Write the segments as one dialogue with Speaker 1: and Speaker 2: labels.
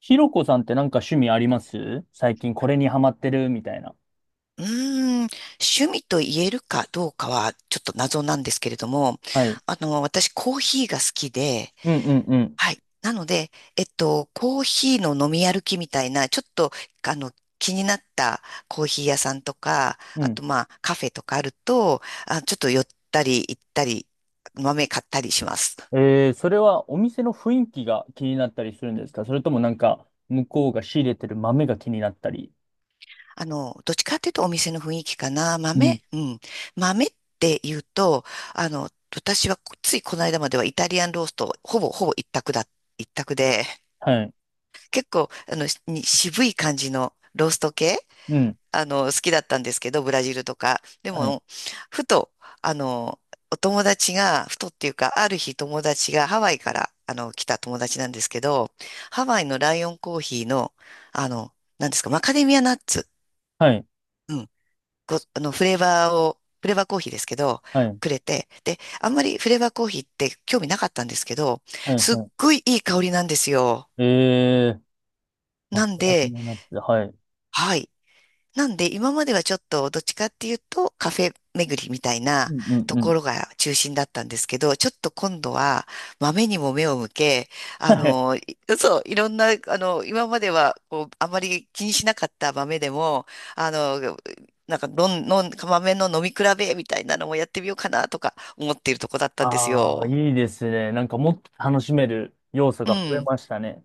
Speaker 1: ひろこさんってなんか趣味あります？最近これにハマってるみたいな。
Speaker 2: うーん、趣味と言えるかどうかはちょっと謎なんですけれども、
Speaker 1: はい。
Speaker 2: 私コーヒーが好きで、
Speaker 1: うんうんうん。
Speaker 2: はい。なので、コーヒーの飲み歩きみたいな、ちょっと、あの、気になったコーヒー屋さんとか、
Speaker 1: う
Speaker 2: あ
Speaker 1: ん。
Speaker 2: とまあカフェとかあると、ちょっと寄ったり行ったり、豆買ったりします。
Speaker 1: それはお店の雰囲気が気になったりするんですか？それともなんか向こうが仕入れてる豆が気になったり。
Speaker 2: どっちかっていうとお店の雰囲気かな。
Speaker 1: う
Speaker 2: 豆、
Speaker 1: ん。
Speaker 2: うん。豆って言うと、私はついこの間まではイタリアンロースト、ほぼほぼ一択だ、一択で、
Speaker 1: はい。
Speaker 2: 結構、渋い感じのロースト系、
Speaker 1: うん。
Speaker 2: 好きだったんですけど、ブラジルとか。で
Speaker 1: はい。
Speaker 2: も、ふと、あの、お友達が、ふとっていうか、ある日友達がハワイから、来た友達なんですけど、ハワイのライオンコーヒーの、あの、なんですか、マカデミアナッツ。
Speaker 1: はい。
Speaker 2: うん、こあの、フレーバーを、フレーバーコーヒーですけど、
Speaker 1: はい。
Speaker 2: くれて、で、あんまりフレーバーコーヒーって興味なかったんですけど、
Speaker 1: はい。
Speaker 2: すっ
Speaker 1: は
Speaker 2: ごいいい香りなんですよ。
Speaker 1: い。まあ、
Speaker 2: な
Speaker 1: こ
Speaker 2: ん
Speaker 1: れが気
Speaker 2: で、
Speaker 1: になって、はい。
Speaker 2: はい。なんで今まではちょっとどっちかっていうとカフェ巡りみたい
Speaker 1: う
Speaker 2: な
Speaker 1: んうん
Speaker 2: と
Speaker 1: う
Speaker 2: こ
Speaker 1: ん。
Speaker 2: ろが中心だったんですけど、ちょっと今度は豆にも目を向け、あ
Speaker 1: はい。
Speaker 2: の、いそう、いろんな、今まではこうあまり気にしなかった豆でも、あの、なんかのん、のん、豆の飲み比べみたいなのもやってみようかなとか思っているとこだったんです
Speaker 1: ああ、
Speaker 2: よ。
Speaker 1: いいですね。なんかもっと楽しめる要素
Speaker 2: う
Speaker 1: が増え
Speaker 2: ん。
Speaker 1: ましたね。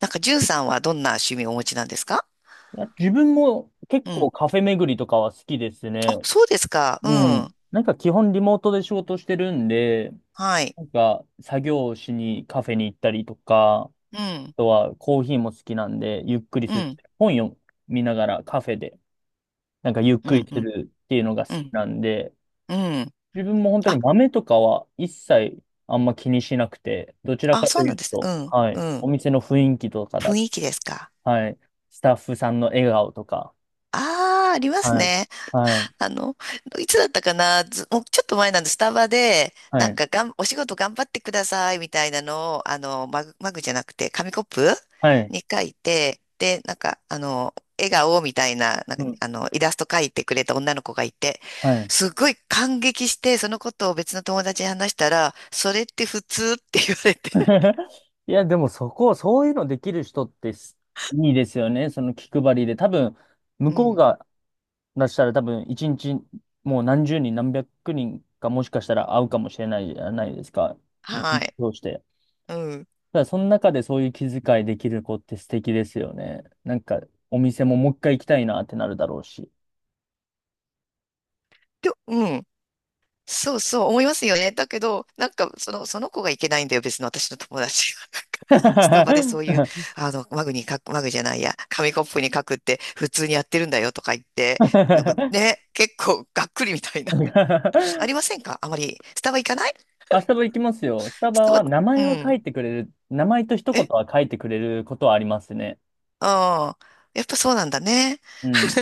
Speaker 2: なんか、じゅんさんはどんな趣味をお持ちなんですか？
Speaker 1: いや、自分も結
Speaker 2: う
Speaker 1: 構
Speaker 2: ん。
Speaker 1: カフェ巡りとかは好きですね。
Speaker 2: あ、そうですか。う
Speaker 1: うん。
Speaker 2: ん。
Speaker 1: なんか基本リモートで仕事してるんで、
Speaker 2: はい。
Speaker 1: なんか作業しにカフェに行ったりとか、
Speaker 2: う
Speaker 1: あ
Speaker 2: ん。
Speaker 1: とはコーヒーも好きなんで、ゆっくり
Speaker 2: う
Speaker 1: する。
Speaker 2: ん。
Speaker 1: 本読みながらカフェで、なんかゆっ
Speaker 2: う
Speaker 1: くり
Speaker 2: ん。う
Speaker 1: す
Speaker 2: ん。
Speaker 1: るっていうのが好
Speaker 2: う
Speaker 1: き
Speaker 2: ん、
Speaker 1: なんで、
Speaker 2: うん。
Speaker 1: 自分も本当
Speaker 2: あ、
Speaker 1: に豆とかは一切あんま気にしなくて、どちら
Speaker 2: あ、
Speaker 1: かと
Speaker 2: そう
Speaker 1: い
Speaker 2: なん
Speaker 1: う
Speaker 2: です
Speaker 1: と、
Speaker 2: ね。
Speaker 1: は
Speaker 2: う
Speaker 1: い、
Speaker 2: ん、う
Speaker 1: お
Speaker 2: ん。
Speaker 1: 店の雰囲気とか
Speaker 2: 雰囲気ですか？
Speaker 1: はい、スタッフさんの笑顔とか、
Speaker 2: ああ、あります
Speaker 1: はい、
Speaker 2: ね。
Speaker 1: はい、
Speaker 2: あの、いつだったかな、ずもうちょっと前なんで、スタバで、
Speaker 1: は
Speaker 2: なん
Speaker 1: い、
Speaker 2: かがん、お仕事頑張ってくださいみたいなのを、マグじゃなくて、紙コップ
Speaker 1: はい、
Speaker 2: に書いて、で、なんか、笑顔みたいな、なん
Speaker 1: う
Speaker 2: か、
Speaker 1: ん、
Speaker 2: イラスト書いてくれた女の子がいて、
Speaker 1: はい。
Speaker 2: すごい感激して、そのことを別の友達に話したら、それって普通って言われて。
Speaker 1: いや、でもそこ、そういうのできる人っていいですよね。その気配りで。多分、向
Speaker 2: う
Speaker 1: こう
Speaker 2: ん。
Speaker 1: が出したら多分、一日もう何十人、何百人かもしかしたら会うかもしれないじゃないですか。一
Speaker 2: は
Speaker 1: 日
Speaker 2: い。
Speaker 1: 通して。
Speaker 2: うん
Speaker 1: ただその中でそういう気遣いできる子って素敵ですよね。なんか、お店ももう一回行きたいなってなるだろうし。
Speaker 2: で、うん。そうそう思いますよね。だけど、なんか、その子がいけないんだよ。別の私の友達が。なんかスタバでそういう、あの、マグに書く、マグじゃないや、紙コップに書くって普通にやってるんだよとか言って、なんかね、結構がっくりみたいな。ありませんか？あまり。スタバ行かない？
Speaker 1: あ、スタバ行きますよ。スタ
Speaker 2: ス
Speaker 1: バ
Speaker 2: タバ、
Speaker 1: は名
Speaker 2: う
Speaker 1: 前は書
Speaker 2: ん。
Speaker 1: いてくれる、名前と一言
Speaker 2: え
Speaker 1: は書いてくれることはありますね。
Speaker 2: ああー、やっぱそうなんだね。
Speaker 1: うん。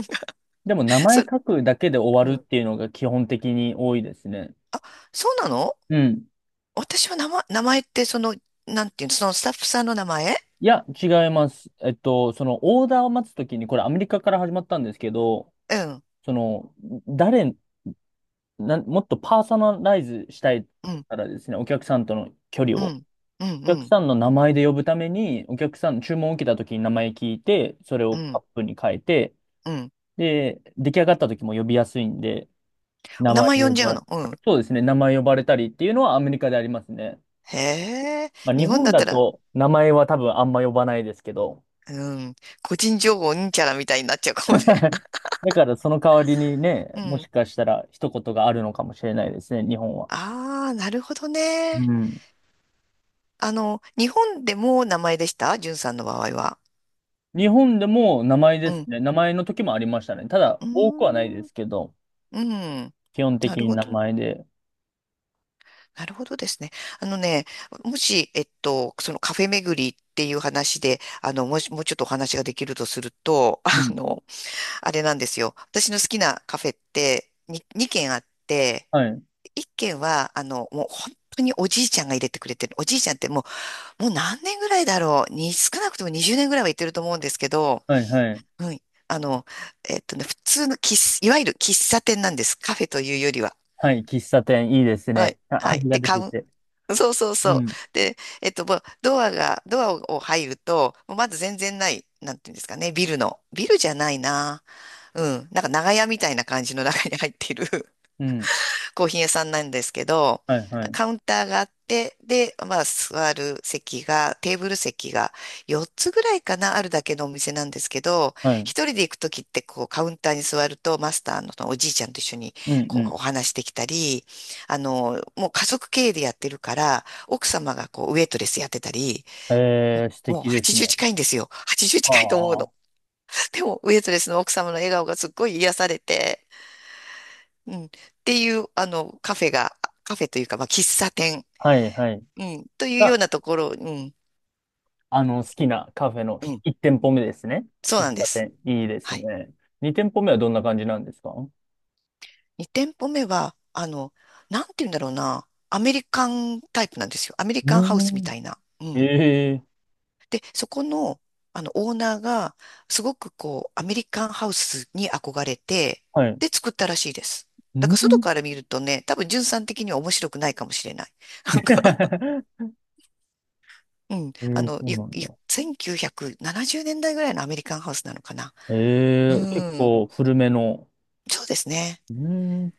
Speaker 1: でも名前
Speaker 2: そ、
Speaker 1: 書くだけで終わ
Speaker 2: う
Speaker 1: るっ
Speaker 2: ん。
Speaker 1: ていうのが基本的に多いですね。
Speaker 2: あ、そうなの？
Speaker 1: うん。
Speaker 2: 私は名前ってその、なんていうの、そのスタッフさんの名前？
Speaker 1: いや、違います。そのオーダーを待つときに、これアメリカから始まったんですけど、
Speaker 2: うん、
Speaker 1: その、誰、もっとパーソナライズしたい
Speaker 2: うん、
Speaker 1: からですね、お客さんとの距離
Speaker 2: う
Speaker 1: を。
Speaker 2: ん、うん、
Speaker 1: お
Speaker 2: う
Speaker 1: 客
Speaker 2: ん、
Speaker 1: さんの名前で呼ぶために、お客さん、注文を受けたときに名前聞いて、それ
Speaker 2: う
Speaker 1: をカッ
Speaker 2: ん。
Speaker 1: プに変えて、
Speaker 2: うん。
Speaker 1: で、出来上がった時も呼びやすいんで、名
Speaker 2: 名
Speaker 1: 前
Speaker 2: 前
Speaker 1: で
Speaker 2: 呼
Speaker 1: 呼
Speaker 2: んじゃう
Speaker 1: ば、
Speaker 2: の？うん。
Speaker 1: そうですね、名前呼ばれたりっていうのはアメリカでありますね。
Speaker 2: へえ。
Speaker 1: まあ、日
Speaker 2: 日本
Speaker 1: 本
Speaker 2: だっ
Speaker 1: だ
Speaker 2: たら、
Speaker 1: と名前は多分あんま呼ばないですけど、
Speaker 2: うん。個人情報うんちゃらみたいになっちゃうかもね。
Speaker 1: だからその代わりにね、
Speaker 2: う
Speaker 1: もし
Speaker 2: ん。
Speaker 1: かしたら一言があるのかもしれないですね、日本は。
Speaker 2: ああ、なるほど
Speaker 1: う
Speaker 2: ね。
Speaker 1: ん。
Speaker 2: 日本でも名前でした？じゅんさんの場合は。
Speaker 1: 日本でも名前で
Speaker 2: う
Speaker 1: す
Speaker 2: ん。
Speaker 1: ね。名前の時もありましたね。ただ、
Speaker 2: うー
Speaker 1: 多くはないで
Speaker 2: ん。
Speaker 1: すけど、
Speaker 2: うん。
Speaker 1: 基本的
Speaker 2: なる
Speaker 1: に
Speaker 2: ほ
Speaker 1: 名
Speaker 2: ど。
Speaker 1: 前で。
Speaker 2: なるほどですね。あのね、もし、そのカフェ巡りっていう話で、もうちょっとお話ができるとすると、
Speaker 1: う
Speaker 2: あ
Speaker 1: ん。
Speaker 2: の、あれなんですよ。私の好きなカフェって2、に二軒あって、
Speaker 1: はい。
Speaker 2: 一軒は、もう本当におじいちゃんが入れてくれてる。おじいちゃんってももう何年ぐらいだろう。少なくとも20年ぐらいは行ってると思うんですけど、
Speaker 1: はい、はい。
Speaker 2: うん。あの、普通の喫茶、いわゆる喫茶店なんです。カフェというよりは。
Speaker 1: はい、喫茶店、いいです
Speaker 2: は
Speaker 1: ね。
Speaker 2: い。
Speaker 1: あ、
Speaker 2: はい。
Speaker 1: 味が
Speaker 2: で、
Speaker 1: 出
Speaker 2: カ
Speaker 1: て
Speaker 2: ウ
Speaker 1: て。
Speaker 2: ン、そうそう
Speaker 1: う
Speaker 2: そう。
Speaker 1: ん。
Speaker 2: で、もうドアを入ると、もうまず全然ない、なんていうんですかね、ビルの。ビルじゃないな。うん。なんか長屋みたいな感じの中に入っている
Speaker 1: うん。
Speaker 2: コーヒー屋さんなんですけど、
Speaker 1: はい、はい。
Speaker 2: カウンターがあって、で、まあ、座る席が、テーブル席が4つぐらいかな、あるだけのお店なんですけど、
Speaker 1: はい。
Speaker 2: 一人で行くときって、こう、カウンターに座ると、マスターのおじいちゃんと一緒に、
Speaker 1: うん
Speaker 2: こう、お
Speaker 1: う
Speaker 2: 話できたり、もう家族経営でやってるから、奥様がこう、ウェイトレスやってたり、
Speaker 1: ん。えー、素
Speaker 2: もう
Speaker 1: 敵です
Speaker 2: 80
Speaker 1: ね。
Speaker 2: 近いんですよ。80
Speaker 1: あ
Speaker 2: 近いと思う
Speaker 1: あ、
Speaker 2: の。
Speaker 1: は
Speaker 2: でも、ウェイトレスの奥様の笑顔がすっごい癒されて、うん。っていう、カフェというか、まあ、喫茶店、
Speaker 1: いはい。
Speaker 2: うん、というよう
Speaker 1: が、
Speaker 2: なところ、うん、
Speaker 1: 好きなカフェの
Speaker 2: うん、
Speaker 1: 1店舗目ですね。
Speaker 2: そう
Speaker 1: 喫
Speaker 2: なんで
Speaker 1: 茶
Speaker 2: す。
Speaker 1: 店。いいです
Speaker 2: はい。
Speaker 1: ね。2店舗目はどんな感じなんですか？う
Speaker 2: 2店舗目は、なんて言うんだろうな、アメリカンタイプなんですよ。アメリカンハウスみ
Speaker 1: ー
Speaker 2: たいな。うん。
Speaker 1: ん。ええ、
Speaker 2: で、そこの、オーナーが、すごくこう、アメリカンハウスに憧れて、
Speaker 1: はい。
Speaker 2: で、作ったらしいです。
Speaker 1: う
Speaker 2: だから、外
Speaker 1: ん。
Speaker 2: から見るとね、多分、純さん的には面白くないかもしれない。なんか、 うん。
Speaker 1: え
Speaker 2: あ
Speaker 1: え、
Speaker 2: の、
Speaker 1: そう
Speaker 2: ゆ、
Speaker 1: なん
Speaker 2: ゆ、
Speaker 1: だ。
Speaker 2: 1970年代ぐらいのアメリカンハウスなのかな。う
Speaker 1: ええ、結
Speaker 2: ん。
Speaker 1: 構古めの。
Speaker 2: そうですね。
Speaker 1: うーん。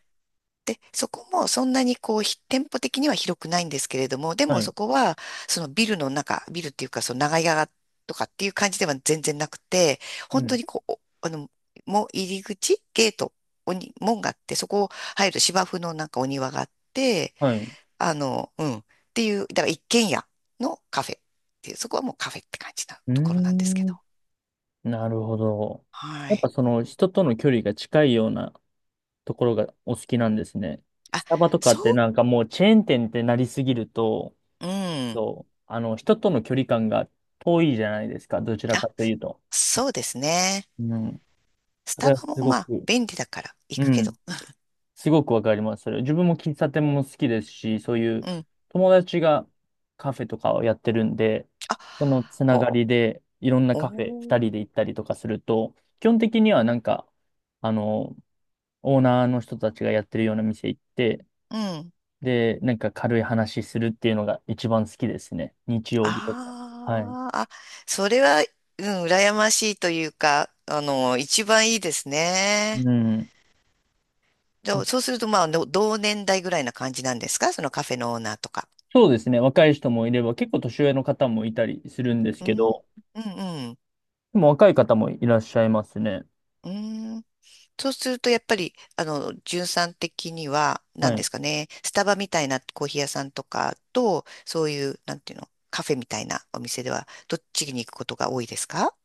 Speaker 2: で、そこもそんなにこう、店舗的には広くないんですけれども、で
Speaker 1: は
Speaker 2: もそ
Speaker 1: い。
Speaker 2: こは、ビルっていうか、その長屋とかっていう感じでは全然なくて、
Speaker 1: う
Speaker 2: 本当
Speaker 1: ん。
Speaker 2: にこう、おあの、もう入り口、ゲート、おに、門があって、そこを入ると芝生のなんかお庭があって、
Speaker 1: はい。
Speaker 2: うん。っていう、だから一軒家のカフェっていう、そこはもうカフェって感じな
Speaker 1: うー
Speaker 2: ところなんですけど。
Speaker 1: ん。なるほど。
Speaker 2: は
Speaker 1: やっぱ
Speaker 2: い。
Speaker 1: その人との距離が近いようなところがお好きなんですね。
Speaker 2: あ、
Speaker 1: スタバとかっ
Speaker 2: そう、
Speaker 1: てなんかもうチェーン店ってなりすぎると、
Speaker 2: う
Speaker 1: ちょっ
Speaker 2: ん。
Speaker 1: と、あの、人との距離感が遠いじゃないですか、どちら
Speaker 2: あ、
Speaker 1: かというと。
Speaker 2: そうですね。
Speaker 1: うん。
Speaker 2: ス
Speaker 1: そ
Speaker 2: タ
Speaker 1: れは
Speaker 2: バも
Speaker 1: すご
Speaker 2: まあ、
Speaker 1: く、
Speaker 2: 便利だから行
Speaker 1: う
Speaker 2: くけど。
Speaker 1: ん。すごくわかります。それ。自分も喫茶店も好きですし、そういう
Speaker 2: うん。
Speaker 1: 友達がカフェとかをやってるんで、
Speaker 2: あ、
Speaker 1: そのつな
Speaker 2: ほ、
Speaker 1: がりでいろんな
Speaker 2: お
Speaker 1: カフェ二
Speaker 2: ー、
Speaker 1: 人で行ったりとかすると、基本的にはなんか、あの、オーナーの人たちがやってるような店行って、
Speaker 2: うん。
Speaker 1: で、なんか軽い話するっていうのが一番好きですね。日曜日とか。はい。
Speaker 2: あーあ、それは、うん、羨ましいというか、一番いいですね。
Speaker 1: うん。
Speaker 2: でそうすると、同年代ぐらいな感じなんですか？そのカフェのオーナーとか。
Speaker 1: そうですね。若い人もいれば、結構年上の方もいたりするんです
Speaker 2: う
Speaker 1: け
Speaker 2: ん、
Speaker 1: ど、
Speaker 2: うん、うん。
Speaker 1: でも若い方もいらっしゃいますね。
Speaker 2: うん、そうすると、やっぱり、じゅんさん的には、
Speaker 1: は
Speaker 2: 何で
Speaker 1: い。
Speaker 2: すかね、スタバみたいなコーヒー屋さんとかと、そういう、なんていうの、カフェみたいなお店では、どっちに行くことが多いですか？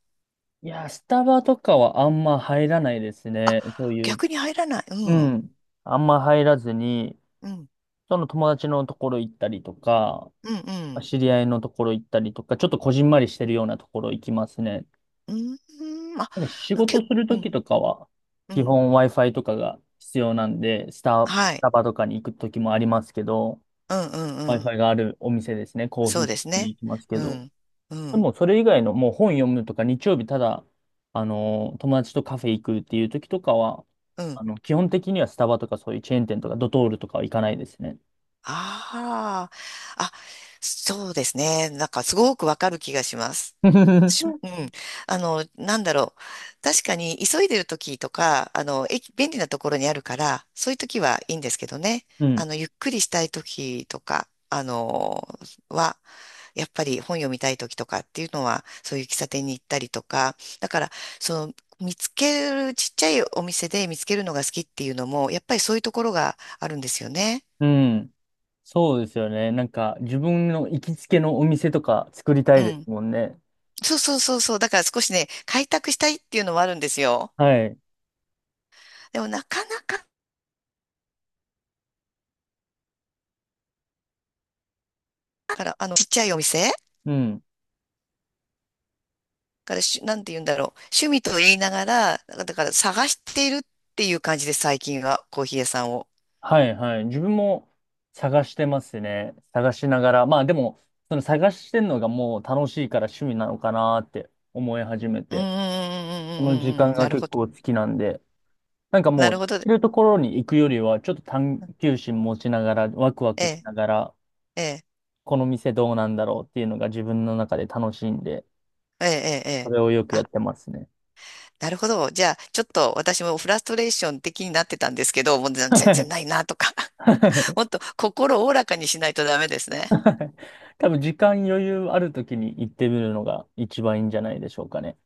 Speaker 1: いやー、スタバとかはあんま入らないです
Speaker 2: あ、
Speaker 1: ね。そういう。
Speaker 2: 逆に入らない。う
Speaker 1: う
Speaker 2: ん。
Speaker 1: ん。あんま入らずに、
Speaker 2: うん。
Speaker 1: その友達のところ行ったりとか、
Speaker 2: うん。うん。
Speaker 1: 知り合いのところ行ったりとか、ちょっとこじんまりしてるようなところ行きますね。
Speaker 2: うーん。あ、
Speaker 1: なんか仕
Speaker 2: 結
Speaker 1: 事する
Speaker 2: 構、
Speaker 1: と
Speaker 2: う
Speaker 1: き
Speaker 2: ん。
Speaker 1: とかは、
Speaker 2: う
Speaker 1: 基
Speaker 2: ん。
Speaker 1: 本 Wi-Fi とかが必要なんで、
Speaker 2: は
Speaker 1: ス
Speaker 2: い。
Speaker 1: タバとかに行くときもありますけど、
Speaker 2: うんうんうん。
Speaker 1: Wi-Fi があるお店ですね、コー
Speaker 2: そ
Speaker 1: ヒー
Speaker 2: うです
Speaker 1: に
Speaker 2: ね。
Speaker 1: 行きますけ
Speaker 2: う
Speaker 1: ど。
Speaker 2: ん。う
Speaker 1: で
Speaker 2: ん。
Speaker 1: も、それ以外の、もう本読むとか、日曜日ただ、あの、友達とカフェ行くっていうときとかは、
Speaker 2: うん。
Speaker 1: あの、基本的にはスタバとかそういうチェーン店とか、ドトールとかは行かないですね。
Speaker 2: ああ。あ、そうですね。なんかすごくわかる気がします。うん。なんだろう。確かに、急いでる時とか、駅、便利なところにあるから、そういう時はいいんですけどね。
Speaker 1: うん。
Speaker 2: ゆっくりしたい時とか、は、やっぱり本読みたい時とかっていうのは、そういう喫茶店に行ったりとか、だから、その、見つける、ちっちゃいお店で見つけるのが好きっていうのも、やっぱりそういうところがあるんですよね。
Speaker 1: うん。そうですよね。なんか、自分の行きつけのお店とか作りた
Speaker 2: う
Speaker 1: いです
Speaker 2: ん。
Speaker 1: もんね。
Speaker 2: そうそうそうそう。だから少しね、開拓したいっていうのもあるんですよ。
Speaker 1: はい。
Speaker 2: でもなかなかから、あの、ちっちゃいお店
Speaker 1: うん。
Speaker 2: からし、なんて言うんだろう。趣味と言いながら、だから探しているっていう感じです。最近はコーヒー屋さんを。
Speaker 1: はいはい。自分も探してますね。探しながら。まあでも、その探してんのがもう楽しいから趣味なのかなって思い始め
Speaker 2: うんうんう
Speaker 1: て。この時
Speaker 2: んうんうんうん
Speaker 1: 間
Speaker 2: うん。
Speaker 1: が
Speaker 2: なる
Speaker 1: 結
Speaker 2: ほど。
Speaker 1: 構好きなんで。なんか
Speaker 2: な
Speaker 1: もう、
Speaker 2: るほど。
Speaker 1: いるところに行くよりは、ちょっと探求心持ちながら、ワクワ
Speaker 2: え
Speaker 1: クし
Speaker 2: え、
Speaker 1: ながら、
Speaker 2: ええ、
Speaker 1: この店どうなんだろうっていうのが自分の中で楽しいんで、
Speaker 2: ええ、ええ。え
Speaker 1: そ
Speaker 2: え、
Speaker 1: れをよくやっ
Speaker 2: あ、
Speaker 1: てますね。
Speaker 2: なるほど。じゃあ、ちょっと私もフラストレーション的になってたんですけど、もう
Speaker 1: は
Speaker 2: 全然
Speaker 1: い。
Speaker 2: ないなとか。
Speaker 1: は い。
Speaker 2: もっと心をおおらかにしないとダメですね。
Speaker 1: 多分時間余裕ある時に行ってみるのが一番いいんじゃないでしょうかね。